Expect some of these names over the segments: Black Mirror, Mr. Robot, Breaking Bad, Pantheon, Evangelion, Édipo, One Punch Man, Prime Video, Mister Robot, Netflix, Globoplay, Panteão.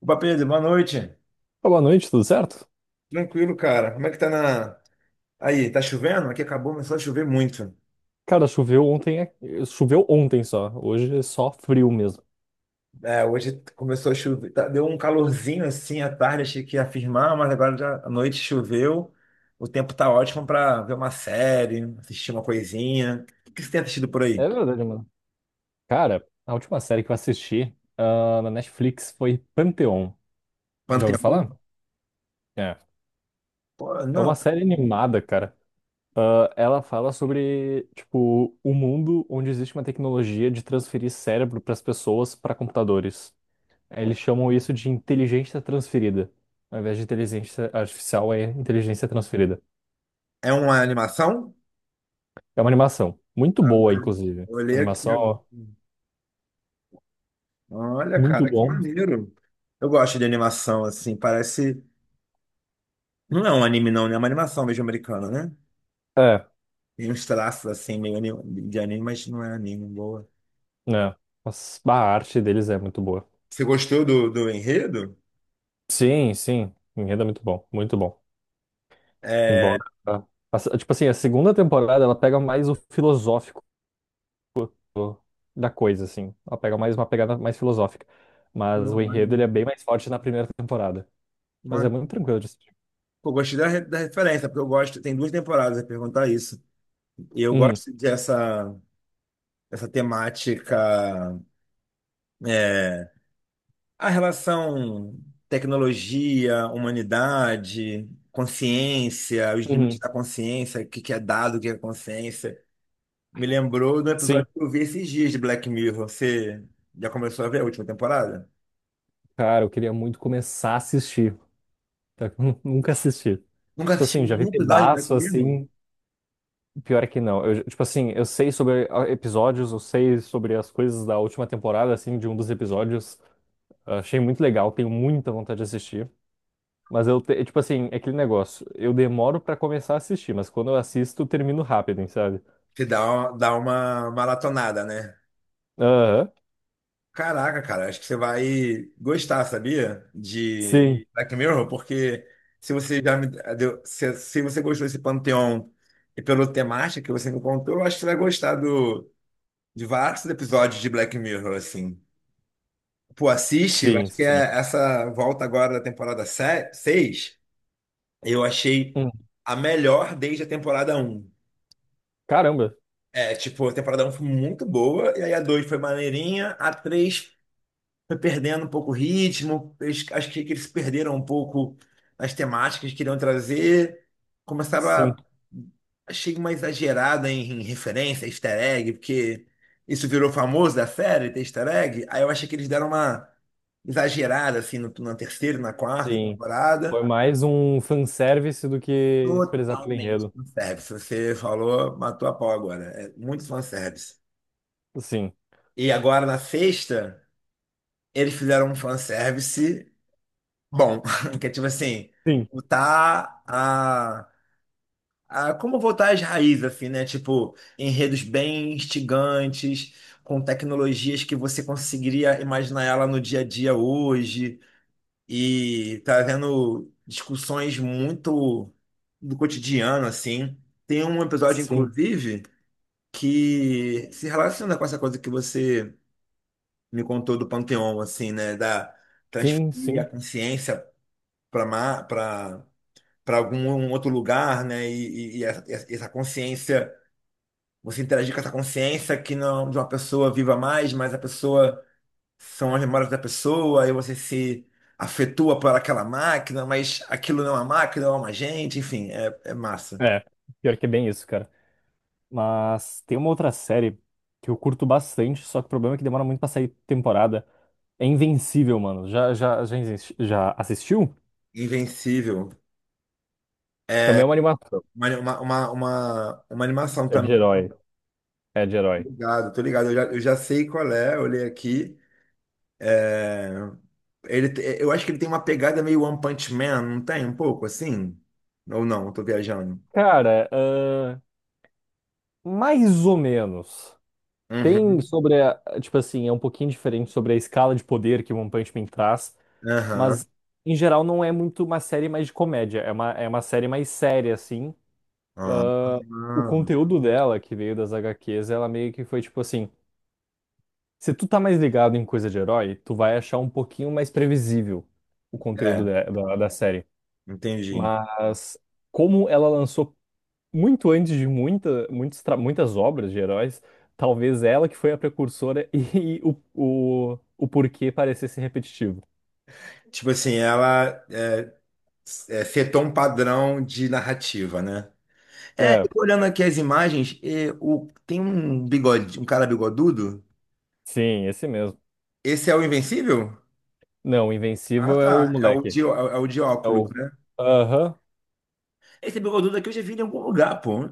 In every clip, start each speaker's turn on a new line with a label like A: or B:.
A: Opa, Pedro, boa noite.
B: Boa noite, tudo certo?
A: Tranquilo, cara. Como é que tá na. Aí, tá chovendo? Aqui acabou, começou a chover muito.
B: Cara, choveu ontem, choveu ontem só. Hoje é só frio mesmo.
A: É, hoje começou a chover. Deu um calorzinho assim à tarde, achei que ia firmar, mas agora já à noite choveu. O tempo tá ótimo pra ver uma série, assistir uma coisinha. O que você tem assistido por aí?
B: É verdade, mano. Cara, a última série que eu assisti, na Netflix foi Pantheon. Já ouviu
A: Panteão?
B: falar? É.
A: Pô,
B: É uma
A: não.
B: série animada, cara. Ah, ela fala sobre, tipo, o mundo onde existe uma tecnologia de transferir cérebro para as pessoas para computadores. Eles chamam isso de inteligência transferida. Ao invés de inteligência artificial, é inteligência transferida.
A: É uma animação?
B: É uma animação. Muito boa,
A: Agora,
B: inclusive.
A: olhei aqui. Agora.
B: Animação
A: Olha,
B: muito
A: cara, que
B: bom.
A: maneiro. Eu gosto de animação, assim, parece. Não é um anime, não, né? É uma animação mesmo americana, né?
B: É,
A: Tem uns traços assim, de anime, mas não é anime, boa.
B: né? Mas a arte deles é muito boa.
A: Você gostou do enredo?
B: Sim, sim. Enredo é muito bom. Muito bom.
A: É.
B: Embora. a- tipo assim, a segunda temporada ela pega mais o filosófico da coisa, assim. Ela pega mais uma pegada mais filosófica. Mas
A: Pô,
B: o enredo ele é
A: maneiro.
B: bem mais forte na primeira temporada. Mas é
A: Mano,
B: muito tranquilo de assistir.
A: pô, gostei da referência, porque eu gosto. Tem duas temporadas, eu ia perguntar isso. E eu
B: Uhum,
A: gosto dessa essa temática. É, a relação tecnologia, humanidade, consciência, os limites
B: uhum.
A: da consciência, o que que é dado, o que é consciência. Me lembrou do
B: Sim.
A: episódio que eu vi esses dias de Black Mirror. Você já começou a ver a última temporada?
B: Cara, eu queria muito começar a assistir. Tá? Nunca assisti.
A: Nunca
B: Tipo
A: assisti
B: assim, já vi
A: nenhum episódio de Black
B: pedaço
A: Mirror?
B: assim. Pior é que não. Eu, tipo assim, eu sei sobre episódios, eu sei sobre as coisas da última temporada, assim, de um dos episódios. Ah, achei muito legal, tenho muita vontade de assistir. Mas eu, tipo assim, é aquele negócio. Eu demoro pra começar a assistir, mas quando eu assisto, eu termino rápido, hein, sabe?
A: Você dá dá uma maratonada, né?
B: Aham.
A: Caraca, cara, acho que você vai gostar, sabia? De
B: Sim,
A: Black Mirror, porque se você já me deu, se você gostou desse panteão e pela temática que você me contou, eu acho que você vai gostar de vários episódios de Black Mirror, assim. Pô, assiste,
B: sim,
A: acho que
B: sim.
A: é essa volta agora da temporada 6. Eu achei
B: Hum,
A: a melhor desde a temporada um.
B: caramba.
A: É, tipo, a temporada um foi muito boa, e aí a 2 foi maneirinha, a 3 foi perdendo um pouco o ritmo, acho que eles perderam um pouco as temáticas que queriam trazer, começaram a...
B: Sim,
A: Achei uma exagerada em referência, easter egg, porque isso virou famoso da série, ter easter egg, aí eu achei que eles deram uma exagerada, assim, na terceira, e na quarta
B: sim. Foi
A: temporada.
B: mais um fanservice do que prezar pelo
A: Totalmente
B: enredo.
A: fanservice. Você falou, matou a pau agora. É muito fanservice.
B: Sim,
A: E agora na sexta, eles fizeram um fanservice bom. Que é tipo assim,
B: sim,
A: voltar a. Como voltar às raízes, assim, né? Tipo, enredos bem instigantes, com tecnologias que você conseguiria imaginar ela no dia a dia hoje. E trazendo discussões muito do cotidiano, assim. Tem um episódio,
B: sim,
A: inclusive. Que se relaciona com essa coisa que você me contou do Panteão, assim, né? Da
B: sim,
A: transferir a
B: sim.
A: consciência para para algum outro lugar, né? E essa, essa consciência, você interagir com essa consciência que não é de uma pessoa viva mais, mas a pessoa são as memórias da pessoa, e você se afetua por aquela máquina, mas aquilo não é uma máquina, é uma gente, enfim, é, é massa.
B: É, pior que é bem isso, cara. Mas tem uma outra série que eu curto bastante, só que o problema é que demora muito pra sair temporada. É Invencível, mano. Já, já assistiu?
A: Invencível.
B: Também é uma animação.
A: Uma animação
B: É de
A: também.
B: herói. É de
A: Tô
B: herói.
A: ligado, tô ligado. Eu já sei qual é, eu olhei aqui. É. Eu acho que ele tem uma pegada meio One Punch Man, não tem? Um pouco assim? Ou não, eu tô viajando.
B: Cara, mais ou menos. Tem
A: Uhum.
B: sobre tipo assim, é um pouquinho diferente sobre a escala de poder que One Punch Man traz,
A: Aham.
B: mas em geral não é muito uma série mais de comédia, é uma série mais séria, assim.
A: Ah,
B: O
A: ah.
B: conteúdo dela, que veio das HQs, ela meio que foi tipo assim. Se tu tá mais ligado em coisa de herói, tu vai achar um pouquinho mais previsível o conteúdo
A: É,
B: da, da série.
A: entendi.
B: Mas como ela lançou muito antes de muitas obras de heróis, talvez ela que foi a precursora e o porquê parecesse repetitivo.
A: Tipo assim, é, setou um padrão de narrativa, né? É,
B: É,
A: eu tô olhando aqui as imagens, e o, tem um bigode, um cara bigodudo.
B: sim, esse mesmo.
A: Esse é o Invencível?
B: Não, o
A: Ah,
B: Invencível é o
A: tá. É
B: moleque.
A: é o de
B: É
A: óculos,
B: o.
A: né?
B: Aham.
A: Esse bigodudo aqui eu já vi em algum lugar, pô.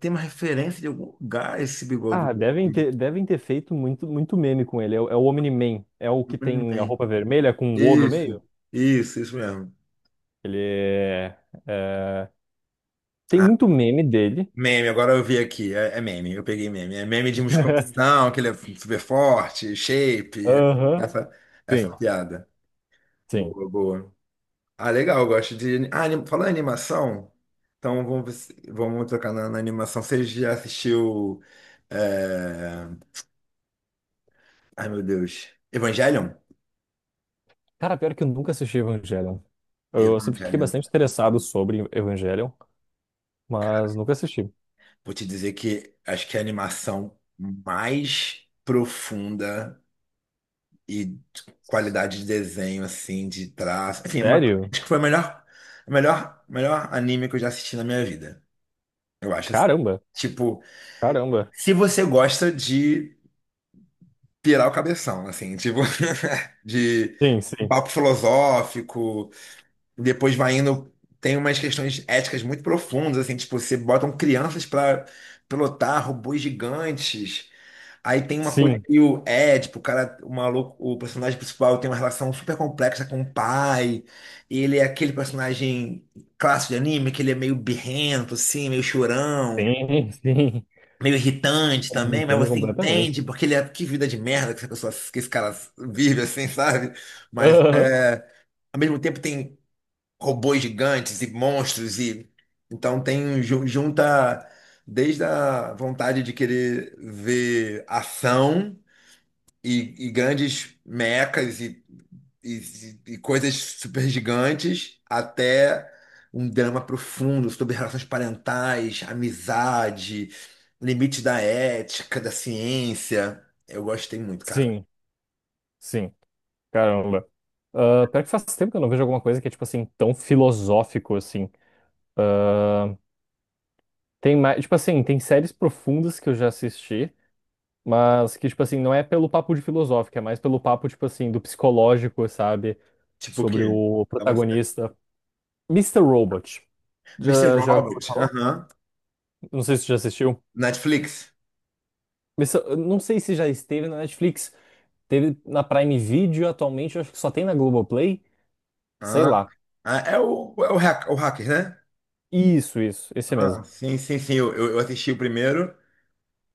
A: Tem uma referência de algum lugar esse
B: Ah,
A: bigodudo aqui.
B: devem ter feito muito, muito meme com ele. É, o é o Omni-Man. É o que
A: Mas não
B: tem a
A: tem.
B: roupa vermelha com o O no
A: Isso,
B: meio?
A: isso mesmo.
B: Ele é, tem
A: Ah,
B: muito meme dele.
A: meme, agora eu vi aqui. É, é meme, eu peguei meme. É meme de musculação, que ele é super forte, shape. É
B: Aham.
A: essa, essa
B: Sim,
A: piada.
B: sim.
A: Boa, boa. Ah, legal, eu gosto de. Ah, anim... falando em animação, então vamos, ver se- vamos tocar na animação. Você já assistiu. É, Ai, meu Deus. Evangelion?
B: Cara, pior que eu nunca assisti Evangelion. Eu sempre fiquei
A: Evangelion.
B: bastante interessado sobre Evangelion, mas nunca assisti.
A: Vou te dizer que acho que é a animação mais profunda e de qualidade de desenho, assim, de traço. Enfim,
B: Sério?
A: acho que foi o melhor, melhor anime que eu já assisti na minha vida. Eu acho assim.
B: Caramba,
A: Tipo,
B: caramba.
A: se você gosta de pirar o cabeção, assim, tipo, de
B: Sim, sim.
A: papo filosófico, Depois vai indo, tem umas questões éticas muito profundas, assim, tipo, você botam crianças para pilotar robôs gigantes. Aí tem uma coisa
B: Sim,
A: que o Édipo, o cara, o maluco, o personagem principal tem uma relação super complexa com o pai. Ele é aquele personagem clássico de anime, que ele é meio birrento, assim, meio chorão,
B: sim, sim.
A: meio irritante também, mas
B: Entendo
A: você
B: completamente.
A: entende porque ele é que vida de merda que essa pessoa, que esse cara vive, assim, sabe? Mas
B: Aham.
A: é, ao mesmo tempo tem robôs gigantes e monstros e então tem junta desde a vontade de querer ver ação e grandes mechas e, e coisas super gigantes até um drama profundo sobre relações parentais, amizade, limite da ética, da ciência. Eu gostei muito, cara.
B: Sim, sim. Caramba. Ah, pior que faz tempo que eu não vejo alguma coisa que é, tipo assim, tão filosófico, assim. Ah, tem mais, tipo assim, tem séries profundas que eu já assisti, mas que, tipo assim, não é pelo papo de filosófico, é mais pelo papo, tipo assim, do psicológico, sabe?
A: Tipo o
B: Sobre
A: quê?
B: o
A: É uma série.
B: protagonista. Mister Robot.
A: Mr.
B: Já
A: Robert,
B: falou?
A: aham.
B: Não sei se você já assistiu.
A: Netflix.
B: Mr. eu não sei se já esteve na Netflix. Teve na Prime Video atualmente, eu acho que só tem na Globoplay. Sei
A: Ah.
B: lá.
A: Ah, é o, é o, hack, o Hackers, né?
B: Isso, esse
A: Ah,
B: mesmo.
A: sim, sim, sim. Eu assisti o primeiro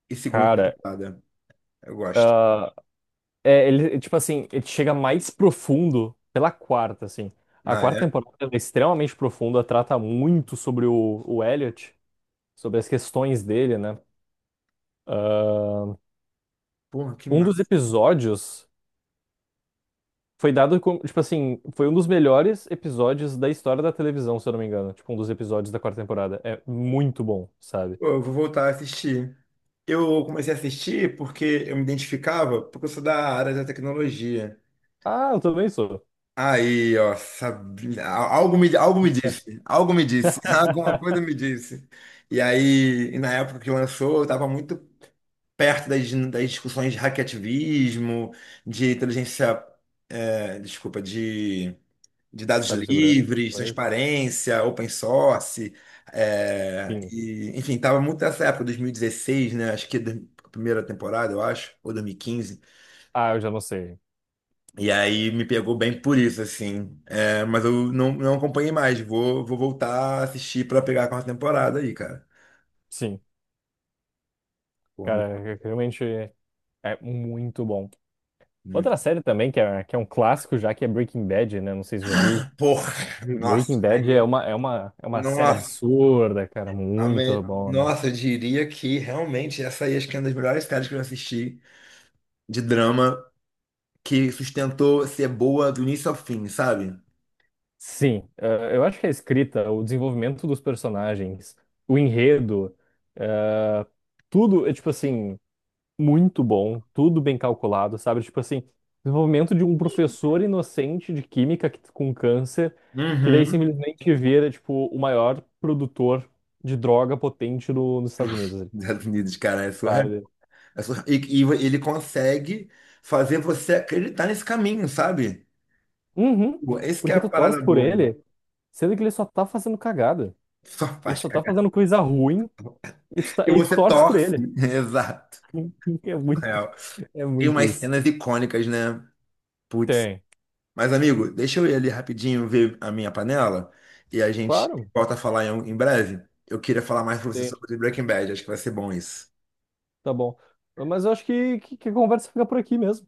A: e segunda
B: Cara,
A: temporada. Eu gosto.
B: é, ele, tipo assim, ele chega mais profundo pela quarta, assim. A
A: Ah,
B: quarta
A: é?
B: temporada ela é extremamente profunda, trata muito sobre o Elliot, sobre as questões dele, né?
A: Porra, que
B: Um dos
A: massa.
B: episódios foi dado como, tipo assim, foi um dos melhores episódios da história da televisão, se eu não me engano. Tipo, um dos episódios da quarta temporada. É muito bom, sabe?
A: Pô, eu vou voltar a assistir. Eu comecei a assistir porque eu me identificava, porque eu sou da área da tecnologia.
B: Ah, eu também sou.
A: Aí, ó, sabe, algo me disse, alguma coisa me disse. E aí, e na época que lançou, eu estava muito perto das discussões de hackativismo, de inteligência, é, desculpa, de dados
B: Sabe segurança?
A: livres, transparência, open source, é,
B: Sim.
A: e, enfim, estava muito nessa época, 2016, né? Acho que a primeira temporada, eu acho, ou 2015. E quinze.
B: Ah, eu já não sei.
A: E aí me pegou bem por isso, assim. É, mas eu não, não acompanhei mais. Vou, vou voltar a assistir para pegar a quarta temporada aí, cara.
B: Sim.
A: Porra,
B: Cara,
A: muito,
B: é, realmente é muito bom.
A: muito.
B: Outra série também que é um clássico já, que é Breaking Bad, né? Não sei se você já viu.
A: Porra,
B: Breaking
A: nossa,
B: Bad
A: aí,
B: é é uma série
A: nossa.
B: absurda, cara, muito bom, né?
A: Nossa, eu diria que realmente essa aí acho que é uma das melhores séries que eu assisti de drama que sustentou ser boa do início ao fim, sabe?
B: Sim, eu acho que a escrita, o desenvolvimento dos personagens, o enredo, eh, tudo é, tipo assim, muito bom, tudo bem calculado, sabe? Tipo assim, desenvolvimento de um professor inocente de química com câncer, que daí
A: Uhum.
B: simplesmente vira, tipo, o maior produtor de droga potente no, nos Estados Unidos.
A: Estados Unidos, cara, é surreal.
B: Sabe?
A: É surreal. E ele consegue fazer você acreditar nesse caminho, sabe?
B: Uhum.
A: Pô, esse que é
B: Porque
A: a
B: tu torce
A: parada
B: por
A: boa.
B: ele, sendo que ele só tá fazendo cagada.
A: Só
B: Ele
A: faz
B: só tá
A: cagar.
B: fazendo coisa ruim e
A: E
B: e tu
A: você
B: torce por
A: torce.
B: ele.
A: Exato.
B: É muito,
A: Surreal.
B: é
A: Tem
B: muito
A: umas
B: isso.
A: cenas icônicas, né? Putz.
B: Tem.
A: Mas, amigo, deixa eu ir ali rapidinho ver a minha panela e a gente
B: Claro,
A: volta a falar em breve. Eu queria falar mais pra você
B: tem.
A: sobre Breaking Bad. Acho que vai ser bom isso.
B: Tá bom. Mas eu acho que a conversa fica por aqui mesmo.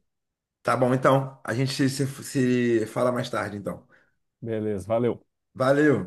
A: Tá bom, então. A gente se fala mais tarde, então.
B: Beleza, valeu.
A: Valeu!